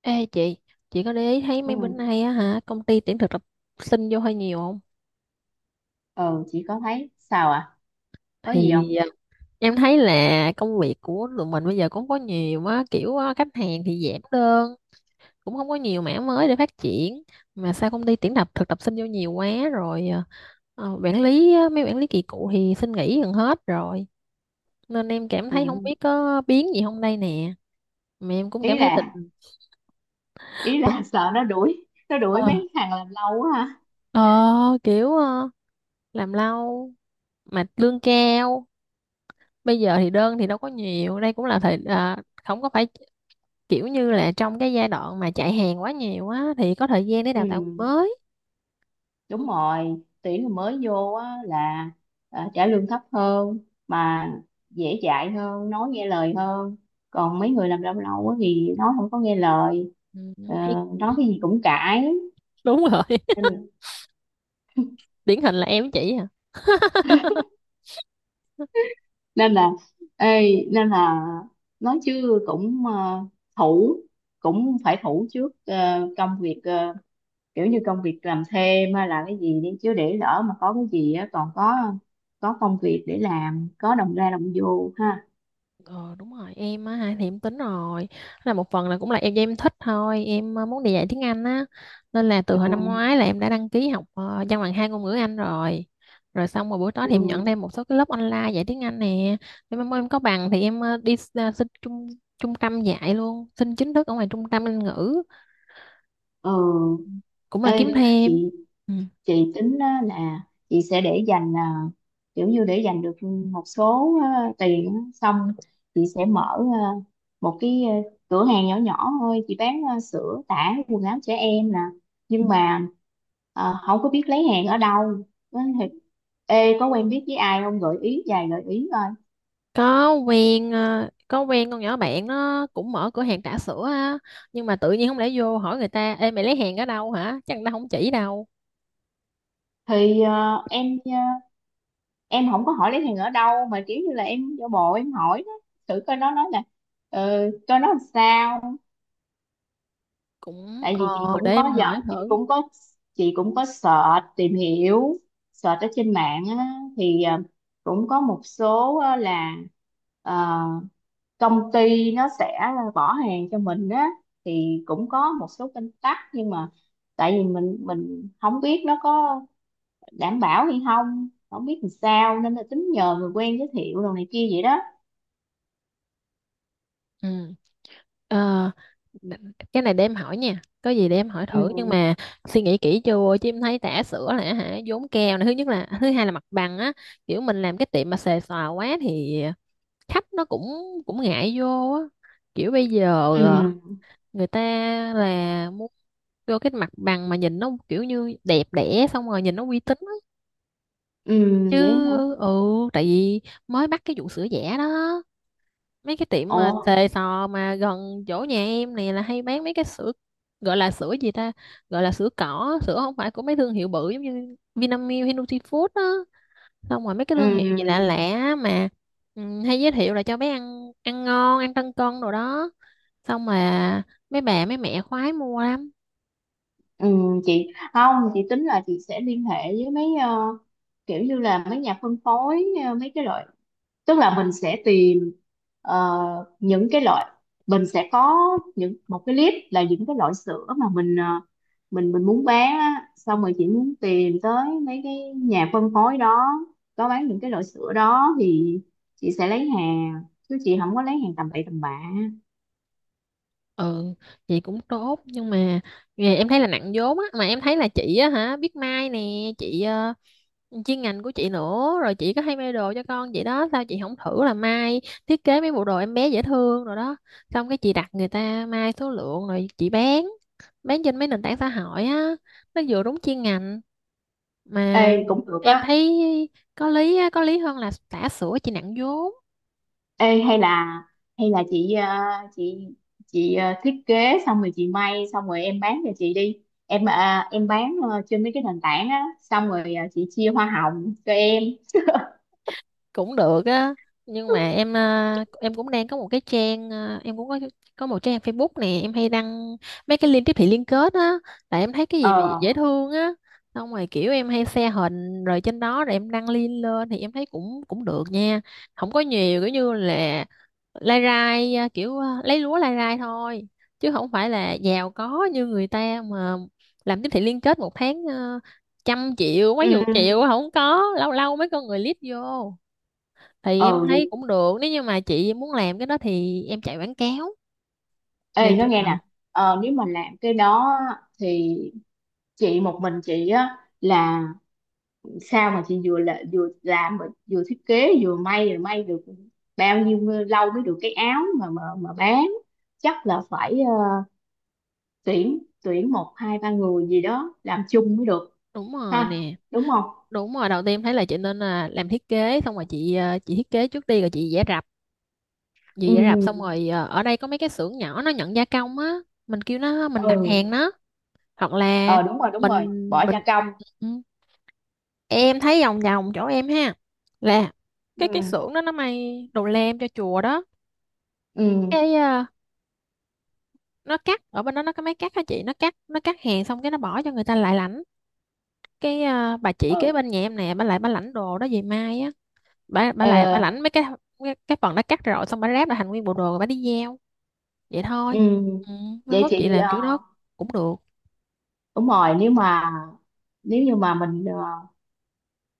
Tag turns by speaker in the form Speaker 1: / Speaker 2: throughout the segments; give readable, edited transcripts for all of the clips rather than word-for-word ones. Speaker 1: Ê chị có để ý thấy
Speaker 2: ừ
Speaker 1: mấy bữa nay á hả, công ty tuyển thực tập sinh vô hơi nhiều không?
Speaker 2: ừ chị có thấy sao à? Có gì không?
Speaker 1: Thì em thấy là công việc của tụi mình bây giờ cũng có nhiều á, khách hàng thì giảm đơn, cũng không có nhiều mảng mới để phát triển. Mà sao công ty tuyển tập thực tập sinh vô nhiều quá rồi, mấy quản lý kỳ cựu thì xin nghỉ gần hết rồi. Nên em cảm thấy không biết
Speaker 2: Ừ.
Speaker 1: có biến gì không đây nè. Mà em cũng
Speaker 2: ý
Speaker 1: cảm thấy tình...
Speaker 2: là ý là
Speaker 1: tình-
Speaker 2: sợ nó đuổi
Speaker 1: Ờ,
Speaker 2: mấy thằng làm lâu quá ha.
Speaker 1: ờ, kiểu ờ, làm lâu mà lương cao bây giờ thì đơn thì đâu có nhiều đây cũng là thời, không có phải kiểu như là trong cái giai đoạn mà chạy hàng quá nhiều á thì có thời gian để
Speaker 2: Ừ,
Speaker 1: đào tạo mới.
Speaker 2: đúng rồi. Tuyển người mới vô á là trả lương thấp hơn, mà dễ dạy hơn, nói nghe lời hơn. Còn mấy người làm lâu lâu á thì nói không có nghe lời,
Speaker 1: Ừ,
Speaker 2: ờ,
Speaker 1: thì
Speaker 2: nói cái gì cũng cãi.
Speaker 1: đúng rồi.
Speaker 2: nên
Speaker 1: Điển hình là em với chị à.
Speaker 2: nên là ê, nên là nói chứ cũng, thủ cũng phải thủ trước công việc, kiểu như công việc làm thêm hay là cái gì đi chứ, để lỡ mà có cái gì á còn có công việc để làm, có đồng ra đồng vô ha.
Speaker 1: Ờ đúng rồi em á ha, thì em tính rồi là một phần là cũng là em do em thích thôi, em muốn đi dạy tiếng Anh á, nên là từ hồi năm
Speaker 2: Ừ,
Speaker 1: ngoái là em đã đăng ký học văn bằng hai ngôn ngữ Anh rồi. Rồi xong rồi buổi tối thì em nhận
Speaker 2: ừ,
Speaker 1: thêm một số cái lớp online dạy tiếng Anh nè. Em mong em có bằng thì em đi xin trung trung tâm dạy luôn, xin chính thức ở ngoài trung tâm Anh ngữ,
Speaker 2: ừ.
Speaker 1: cũng là kiếm
Speaker 2: Ê
Speaker 1: thêm.
Speaker 2: chị
Speaker 1: Ừ.
Speaker 2: chị tính á là chị sẽ để dành, kiểu như để dành được một số tiền á, xong chị sẽ mở một cái, cửa hàng nhỏ nhỏ thôi. Chị bán sữa, tã, quần áo trẻ em nè, nhưng mà không có biết lấy hàng ở đâu. Nói thiệt, ê, có quen biết với ai không, gợi ý vài gợi ý coi.
Speaker 1: có quen con nhỏ bạn nó cũng mở cửa hàng trà sữa á, nhưng mà tự nhiên không lẽ vô hỏi người ta, ê mày lấy hàng ở đâu hả, chắc người ta không chỉ đâu.
Speaker 2: Thì em, em không có hỏi lấy hàng ở đâu, mà kiểu như là em giả bộ em hỏi đó, thử coi nó nói là, coi nó làm sao.
Speaker 1: cũng
Speaker 2: Tại vì chị
Speaker 1: ờ để
Speaker 2: cũng
Speaker 1: em
Speaker 2: có
Speaker 1: hỏi thử.
Speaker 2: chị cũng có search, tìm hiểu, search ở trên mạng á. Thì cũng có một số, là ờ, công ty nó sẽ bỏ hàng cho mình á. Thì cũng có một số kênh tắc, nhưng mà tại vì mình không biết nó có đảm bảo hay không, không biết làm sao, nên là tính nhờ người quen giới thiệu đồ này kia vậy đó.
Speaker 1: Ừ. Ờ, cái này để em hỏi nha, có gì để em hỏi thử, nhưng
Speaker 2: Ừ,
Speaker 1: mà suy nghĩ kỹ chưa chứ em thấy tã sữa là hả vốn keo này, thứ nhất, là thứ hai là mặt bằng á. Kiểu mình làm cái tiệm mà xề xòa quá thì khách nó cũng cũng ngại vô á. Kiểu bây giờ ờ,
Speaker 2: ừ,
Speaker 1: người ta là muốn vô cái mặt bằng mà nhìn nó kiểu như đẹp đẽ xong rồi nhìn nó uy tín á.
Speaker 2: ừ,
Speaker 1: Chứ,
Speaker 2: vậy hả?
Speaker 1: ừ, tại vì mới bắt cái vụ sữa giả đó. Mấy cái tiệm mà
Speaker 2: Ủa.
Speaker 1: xề xò mà gần chỗ nhà em này là hay bán mấy cái sữa gọi là sữa gì ta, gọi là sữa cỏ, sữa không phải của mấy thương hiệu bự giống như Vinamilk hay Nutifood á. Xong rồi mấy cái thương hiệu gì lạ
Speaker 2: Ừ.
Speaker 1: lạ mà, ừ, hay giới thiệu là cho bé ăn, ăn ngon ăn tăng cân đồ đó, xong mà mấy bà mấy mẹ khoái mua lắm.
Speaker 2: Ừ, chị không, chị tính là chị sẽ liên hệ với mấy, kiểu như là mấy nhà phân phối, mấy cái loại, tức là mình sẽ tìm ờ, những cái loại, mình sẽ có những một cái list là những cái loại sữa mà mình, mình muốn bán á, xong rồi chị muốn tìm tới mấy cái nhà phân phối đó có bán những cái loại sữa đó thì chị sẽ lấy hàng, chứ chị không có lấy hàng tầm bậy tầm bạ.
Speaker 1: Ừ, chị cũng tốt nhưng mà nghề em thấy là nặng vốn á. Mà em thấy là chị á hả, biết may nè, chị chuyên ngành của chị nữa, rồi chị có hay may đồ cho con chị đó, sao chị không thử là may, thiết kế mấy bộ đồ em bé dễ thương rồi đó, xong cái chị đặt người ta may số lượng rồi chị bán trên mấy nền tảng xã hội á. Nó vừa đúng chuyên ngành mà
Speaker 2: Ê, cũng được
Speaker 1: em
Speaker 2: á.
Speaker 1: thấy có lý á, có lý hơn là xả sữa chị nặng vốn.
Speaker 2: Ê, hay là chị, chị chị, thiết kế xong rồi chị may, xong rồi em bán cho chị đi. Em, em bán trên mấy cái nền tảng á, xong rồi chị chia hoa hồng cho em.
Speaker 1: Cũng được á, nhưng mà em em cũng đang có một cái trang, em cũng có một trang Facebook nè, em hay đăng mấy cái link tiếp thị liên kết á, tại em thấy cái
Speaker 2: Ờ,
Speaker 1: gì mà dễ thương á, xong rồi kiểu em hay share hình rồi trên đó, rồi em đăng link lên thì em thấy cũng cũng được nha. Không có nhiều, kiểu như là lai rai lấy lúa lai rai thôi chứ không phải là giàu có như người ta mà, làm tiếp thị liên kết một tháng, 100 triệu
Speaker 2: ừ,
Speaker 1: mấy chục triệu không có, lâu lâu mấy con người lít vô. Thì em
Speaker 2: ờ,
Speaker 1: thấy
Speaker 2: vậy
Speaker 1: cũng được, nếu như mà chị muốn làm cái đó thì em chạy quảng cáo về
Speaker 2: ê,
Speaker 1: chị
Speaker 2: nó nghe
Speaker 1: làm.
Speaker 2: nè. Nếu mà làm cái đó á, thì chị một mình chị á, là sao mà chị vừa là, vừa làm, mà vừa thiết kế vừa may, rồi may được bao nhiêu lâu mới được cái áo mà bán? Chắc là phải, tuyển tuyển một hai ba người gì đó làm chung mới được
Speaker 1: Đúng rồi
Speaker 2: ha,
Speaker 1: nè.
Speaker 2: đúng không?
Speaker 1: Đúng rồi, đầu tiên thấy là chị nên là làm thiết kế, xong rồi chị thiết kế trước đi, rồi chị vẽ rập. Chị vẽ rập xong
Speaker 2: Ừ,
Speaker 1: rồi ở đây có mấy cái xưởng nhỏ nó nhận gia công á, mình kêu nó, mình đặt
Speaker 2: ừ,
Speaker 1: hàng nó, hoặc là
Speaker 2: ờ, đúng rồi, đúng
Speaker 1: mình
Speaker 2: rồi, bỏ gia
Speaker 1: mình
Speaker 2: công.
Speaker 1: ừ. Em thấy vòng vòng chỗ em ha, là cái
Speaker 2: Ừ,
Speaker 1: xưởng đó nó may đồ lam cho chùa đó.
Speaker 2: ừ,
Speaker 1: Cái nó cắt ở bên đó, nó có máy cắt hả chị, nó cắt hàng xong cái nó bỏ cho người ta lại lãnh. Cái bà chị kế
Speaker 2: ừ,
Speaker 1: bên nhà em nè, bà lại bà lãnh đồ đó về mai á, bà
Speaker 2: ờ,
Speaker 1: lại bà lãnh mấy cái phần đã cắt rồi, xong bà ráp lại thành nguyên bộ đồ rồi bà đi gieo, vậy
Speaker 2: ừ,
Speaker 1: thôi. Ừ, mấy
Speaker 2: vậy
Speaker 1: mốt, ừ, chị
Speaker 2: chị,
Speaker 1: làm kiểu đó cũng được.
Speaker 2: đúng rồi, nếu như mà mình,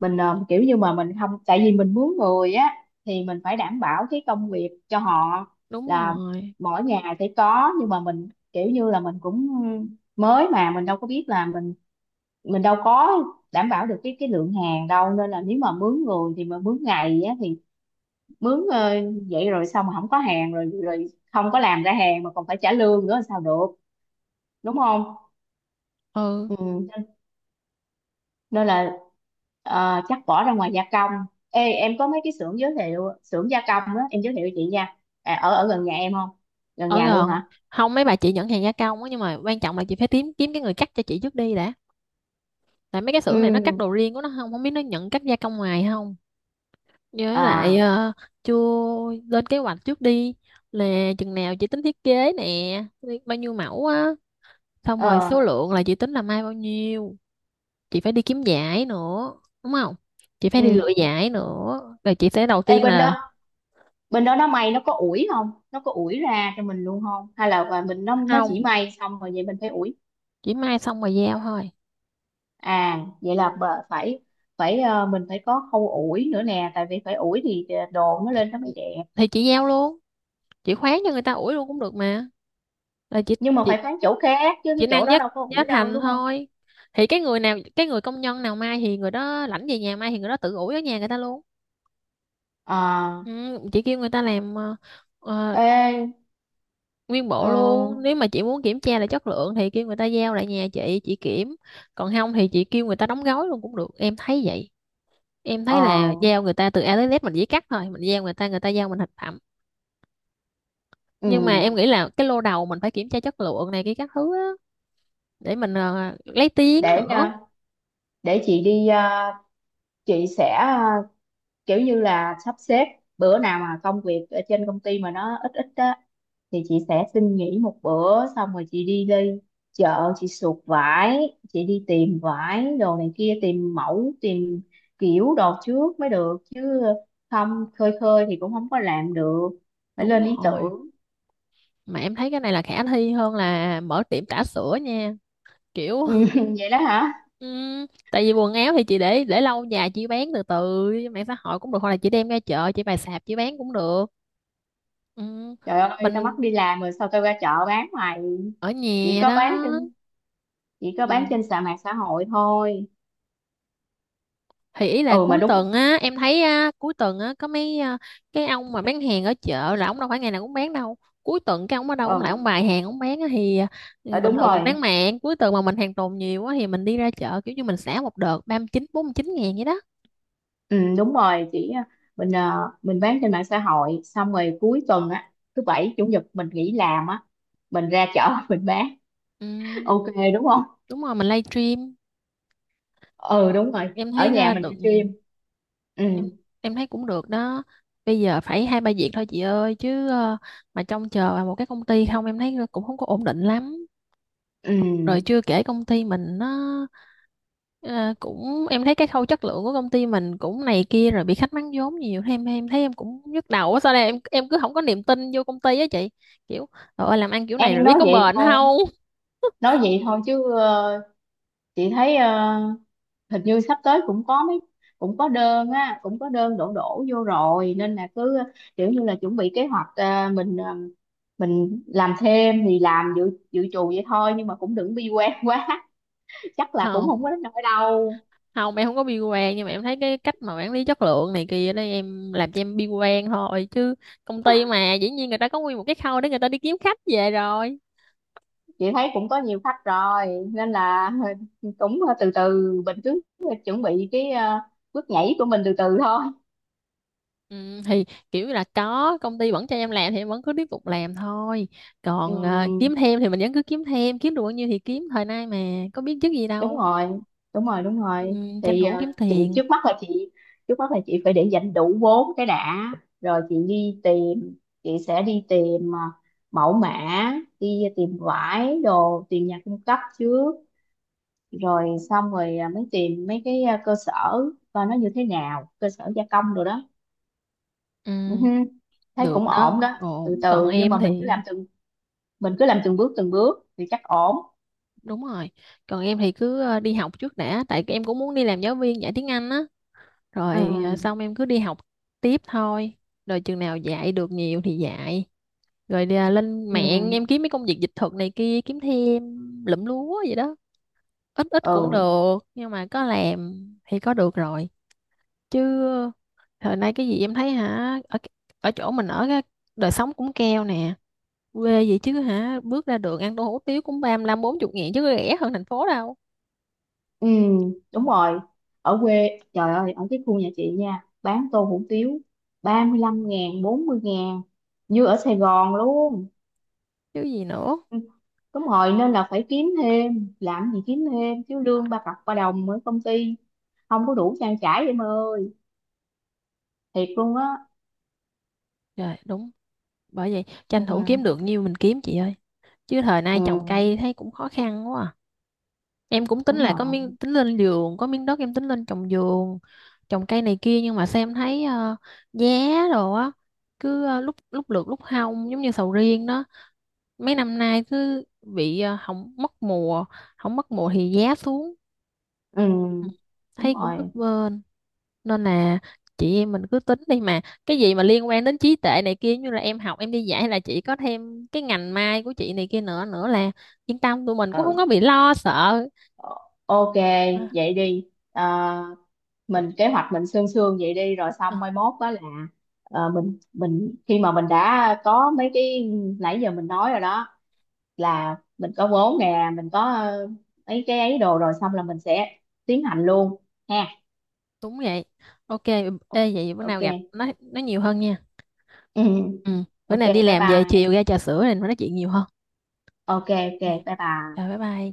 Speaker 2: mình, kiểu như mà mình không, tại vì mình mướn người á, thì mình phải đảm bảo cái công việc cho họ,
Speaker 1: Đúng
Speaker 2: là
Speaker 1: rồi.
Speaker 2: mỗi ngày sẽ có. Nhưng mà mình kiểu như là mình cũng mới, mà mình đâu có biết là mình đâu có đảm bảo được cái lượng hàng đâu, nên là nếu mà mướn người, thì mà mướn ngày á, thì mướn, vậy rồi xong mà không có hàng, rồi rồi không có làm ra hàng mà còn phải trả lương nữa sao được, đúng không?
Speaker 1: Ừ.
Speaker 2: Ừ. nên nên là chắc bỏ ra ngoài gia công. Ê, em có mấy cái xưởng, giới thiệu xưởng gia công á, em giới thiệu cho chị nha. Ở, gần nhà em không? Gần
Speaker 1: Ở
Speaker 2: nhà luôn
Speaker 1: gần
Speaker 2: hả?
Speaker 1: không mấy bà chị nhận hàng gia công á, nhưng mà quan trọng là chị phải kiếm kiếm cái người cắt cho chị trước đi đã, tại mấy cái xưởng này nó, ừ, cắt
Speaker 2: Ừ.
Speaker 1: đồ riêng của nó, không không biết nó nhận cắt gia công ngoài không. Với lại
Speaker 2: À.
Speaker 1: chưa, lên kế hoạch trước đi, là chừng nào chị tính thiết kế nè, bao nhiêu mẫu á, xong
Speaker 2: Ờ.
Speaker 1: rồi số lượng là chị tính là mai bao nhiêu. Chị phải đi kiếm giải nữa, đúng không, chị phải đi lựa
Speaker 2: Ừ.
Speaker 1: giải nữa, rồi chị sẽ đầu
Speaker 2: Ê,
Speaker 1: tiên
Speaker 2: bên
Speaker 1: là
Speaker 2: đó, nó may, nó có ủi không, nó có ủi ra cho mình luôn không, hay là và mình nó, chỉ
Speaker 1: không,
Speaker 2: may xong rồi vậy mình phải ủi?
Speaker 1: chỉ mai xong rồi giao thôi
Speaker 2: À, vậy là phải, mình phải có khâu ủi nữa nè, tại vì phải ủi thì đồ nó lên nó mới đẹp.
Speaker 1: thì chị giao luôn, chị khoán cho người ta ủi luôn cũng được mà, là
Speaker 2: Nhưng mà
Speaker 1: chị
Speaker 2: phải bán chỗ khác, chứ
Speaker 1: chị
Speaker 2: cái chỗ
Speaker 1: năng
Speaker 2: đó
Speaker 1: giá
Speaker 2: đâu có
Speaker 1: giá
Speaker 2: ủi đâu,
Speaker 1: thành
Speaker 2: đúng không?
Speaker 1: thôi. Thì cái người công nhân nào mai thì người đó lãnh về nhà, mai thì người đó tự ủi ở nhà người ta luôn.
Speaker 2: À.
Speaker 1: Ừ, chị kêu người ta làm ờ,
Speaker 2: Ê.
Speaker 1: nguyên bộ
Speaker 2: Ờ,
Speaker 1: luôn, nếu mà chị muốn kiểm tra là chất lượng thì kêu người ta giao lại nhà chị kiểm, còn không thì chị kêu người ta đóng gói luôn cũng được, em thấy vậy. Em thấy
Speaker 2: ờ,
Speaker 1: là giao người ta từ A tới Z, mình chỉ cắt thôi, mình giao người ta, người ta giao mình thành phẩm. Nhưng mà em
Speaker 2: ừ.
Speaker 1: nghĩ là cái lô đầu mình phải kiểm tra chất lượng này, cái các thứ á, để mình lấy tiếng
Speaker 2: Để,
Speaker 1: nữa.
Speaker 2: để chị đi, chị sẽ kiểu như là sắp xếp bữa nào mà công việc ở trên công ty mà nó ít ít á, thì chị sẽ xin nghỉ một bữa, xong rồi chị đi đi chợ, chị sụt vải, chị đi tìm vải đồ này kia, tìm mẫu, tìm kiểu đồ trước mới được chứ, không khơi khơi thì cũng không có làm được, phải
Speaker 1: Đúng
Speaker 2: lên ý
Speaker 1: rồi.
Speaker 2: tưởng.
Speaker 1: Mà em thấy cái này là khả thi hơn là mở tiệm trà sữa nha, kiểu.
Speaker 2: Ừ, vậy đó hả?
Speaker 1: Ừm, tại vì quần áo thì chị để lâu dài chị bán từ từ trên mạng xã hội cũng được, hoặc là chị đem ra chợ chị bày sạp chị bán cũng được. Ừ,
Speaker 2: Trời ơi, tao
Speaker 1: mình
Speaker 2: mất đi làm rồi sao tao ra chợ bán mày.
Speaker 1: ở
Speaker 2: chỉ
Speaker 1: nhà
Speaker 2: có
Speaker 1: đó.
Speaker 2: bán trên chỉ có bán
Speaker 1: Ừ.
Speaker 2: trên sàn mạng xã hội thôi.
Speaker 1: Thì ý là
Speaker 2: Ừ, mà
Speaker 1: cuối
Speaker 2: đúng.
Speaker 1: tuần á em thấy á, cuối tuần á có mấy, cái ông mà bán hàng ở chợ là ông đâu phải ngày nào cũng bán đâu, cuối tuần cái ông ở đâu
Speaker 2: Ừ.
Speaker 1: ông lại ông bày hàng ông bán á, thì,
Speaker 2: Ờ,
Speaker 1: bình
Speaker 2: đúng
Speaker 1: thường mình
Speaker 2: rồi.
Speaker 1: bán mạng, cuối tuần mà mình hàng tồn nhiều á thì mình đi ra chợ, kiểu như mình xả một đợt 39, 49 ngàn vậy đó.
Speaker 2: Ừ, đúng rồi chị. Mình, mình bán trên mạng xã hội, xong rồi cuối tuần á, thứ bảy chủ nhật mình nghỉ làm á, mình ra chợ mình bán.
Speaker 1: Ừ,
Speaker 2: Ok, đúng không?
Speaker 1: đúng rồi, mình live stream.
Speaker 2: Ừ, đúng rồi,
Speaker 1: Em
Speaker 2: ở
Speaker 1: thấy
Speaker 2: nhà
Speaker 1: à,
Speaker 2: mình
Speaker 1: được
Speaker 2: livestream.
Speaker 1: nhiều.
Speaker 2: Ừ,
Speaker 1: Em thấy cũng được đó, bây giờ phải hai ba việc thôi chị ơi, chứ, mà trông chờ vào một cái công ty không em thấy cũng không có ổn định lắm.
Speaker 2: ừ,
Speaker 1: Rồi chưa kể công ty mình nó ờ, cũng, em thấy cái khâu chất lượng của công ty mình cũng này kia, rồi bị khách mắng vốn nhiều thế, em thấy em cũng nhức đầu á, sao đây, em cứ không có niềm tin vô công ty á chị. Kiểu trời ơi làm ăn kiểu này
Speaker 2: em
Speaker 1: rồi biết
Speaker 2: nói
Speaker 1: có
Speaker 2: vậy
Speaker 1: bền
Speaker 2: thôi,
Speaker 1: không.
Speaker 2: nói vậy thôi, chứ chị thấy hình như sắp tới cũng có mấy, cũng có đơn á, cũng có đơn đổ đổ vô rồi, nên là cứ kiểu như là chuẩn bị kế hoạch, mình, mình làm thêm thì làm, dự dự trù vậy thôi, nhưng mà cũng đừng bi quan quá, chắc là cũng không
Speaker 1: Không,
Speaker 2: có đến nỗi đâu.
Speaker 1: không em không có bi quan, nhưng mà em thấy cái cách mà quản lý chất lượng này kia đây em làm cho em bi quan thôi chứ, công ty mà dĩ nhiên người ta có nguyên một cái khâu để người ta đi kiếm khách về rồi.
Speaker 2: Chị thấy cũng có nhiều khách rồi nên là cũng từ từ, mình cứ chuẩn bị cái, bước nhảy của mình từ từ thôi.
Speaker 1: Ừ, thì kiểu là có công ty vẫn cho em làm thì em vẫn cứ tiếp tục làm thôi, còn
Speaker 2: Ừm,
Speaker 1: kiếm thêm thì mình vẫn cứ kiếm thêm, kiếm được bao nhiêu thì kiếm, thời nay mà có biết trước gì
Speaker 2: đúng
Speaker 1: đâu.
Speaker 2: rồi, đúng rồi, đúng
Speaker 1: Ừ,
Speaker 2: rồi.
Speaker 1: tranh
Speaker 2: Thì
Speaker 1: thủ kiếm tiền.
Speaker 2: chị trước mắt là chị phải để dành đủ vốn cái đã, rồi chị đi tìm, chị sẽ đi tìm mẫu mã, đi tìm vải đồ, tìm nhà cung cấp trước, rồi xong rồi mới tìm mấy cái, cơ sở, coi nó như thế nào, cơ sở gia công rồi đó. Ừ
Speaker 1: Ừ,
Speaker 2: hư, thấy
Speaker 1: được
Speaker 2: cũng ổn
Speaker 1: đó,
Speaker 2: đó. Từ
Speaker 1: ổn. Còn
Speaker 2: từ, nhưng
Speaker 1: em
Speaker 2: mà
Speaker 1: thì,
Speaker 2: mình cứ làm từng bước thì chắc ổn.
Speaker 1: đúng rồi, còn em thì cứ đi học trước đã, tại em cũng muốn đi làm giáo viên dạy tiếng Anh á, rồi
Speaker 2: Ừ,
Speaker 1: xong em cứ đi học tiếp thôi, rồi chừng nào dạy được nhiều thì dạy, rồi lên mạng em
Speaker 2: ừ,
Speaker 1: kiếm mấy công việc dịch thuật này kia kiếm thêm, lụm lúa vậy đó, ít ít cũng
Speaker 2: ừ.
Speaker 1: được nhưng mà có làm thì có được rồi. Chứ thời nay cái gì em thấy hả, ở ở chỗ mình ở cái đời sống cũng keo nè, quê vậy chứ hả, bước ra đường ăn tô hủ tiếu cũng 35, 40 nghìn chứ có rẻ hơn thành phố đâu.
Speaker 2: Ừ,
Speaker 1: Ừ.
Speaker 2: đúng rồi. Ở quê, trời ơi, ở cái khu nhà chị nha, bán tô hủ tiếu 35.000, 40.000, như ở Sài Gòn luôn.
Speaker 1: Chứ gì nữa.
Speaker 2: Ừ, đúng rồi, nên là phải kiếm thêm, làm gì kiếm thêm, chứ lương ba cọc ba đồng ở công ty, không có đủ trang trải em ơi, thiệt luôn á.
Speaker 1: Rồi đúng, bởi vậy
Speaker 2: Ừ,
Speaker 1: tranh thủ kiếm được nhiêu mình kiếm chị ơi, chứ thời
Speaker 2: ừ,
Speaker 1: nay trồng cây thấy cũng khó khăn quá à. Em cũng tính
Speaker 2: đúng
Speaker 1: là có
Speaker 2: rồi.
Speaker 1: miếng, tính lên vườn, có miếng đất em tính lên trồng vườn trồng cây này kia, nhưng mà xem thấy giá đồ á cứ lúc lúc lượt lúc hong, giống như sầu riêng đó, mấy năm nay cứ bị không mất mùa, không mất mùa thì giá xuống,
Speaker 2: Ừ, đúng
Speaker 1: thấy cũng bấp
Speaker 2: rồi.
Speaker 1: bênh. Nên là chị em mình cứ tính đi mà, cái gì mà liên quan đến trí tuệ này kia, như là em học em đi dạy, hay là chị có thêm cái ngành mai của chị này kia nữa nữa là yên tâm, tụi mình cũng không
Speaker 2: Ừ,
Speaker 1: có bị lo sợ.
Speaker 2: ok, vậy đi. À, mình kế hoạch mình sương sương vậy đi, rồi xong
Speaker 1: À,
Speaker 2: mai mốt đó là, mình khi mà mình đã có mấy cái nãy giờ mình nói rồi đó, là mình có vốn nè, mình có, ấy cái ấy đồ rồi xong là mình sẽ tiến hành luôn ha.
Speaker 1: đúng vậy. Ok, ê vậy bữa nào
Speaker 2: Ok.
Speaker 1: gặp nói nhiều hơn nha.
Speaker 2: Ừ.
Speaker 1: Ừ, bữa
Speaker 2: Ok,
Speaker 1: nào đi
Speaker 2: bye
Speaker 1: làm về chiều
Speaker 2: bye.
Speaker 1: ra trà sữa này nói chuyện nhiều hơn.
Speaker 2: Ok, ok,
Speaker 1: Ok,
Speaker 2: bye
Speaker 1: rồi
Speaker 2: bye.
Speaker 1: bye bye.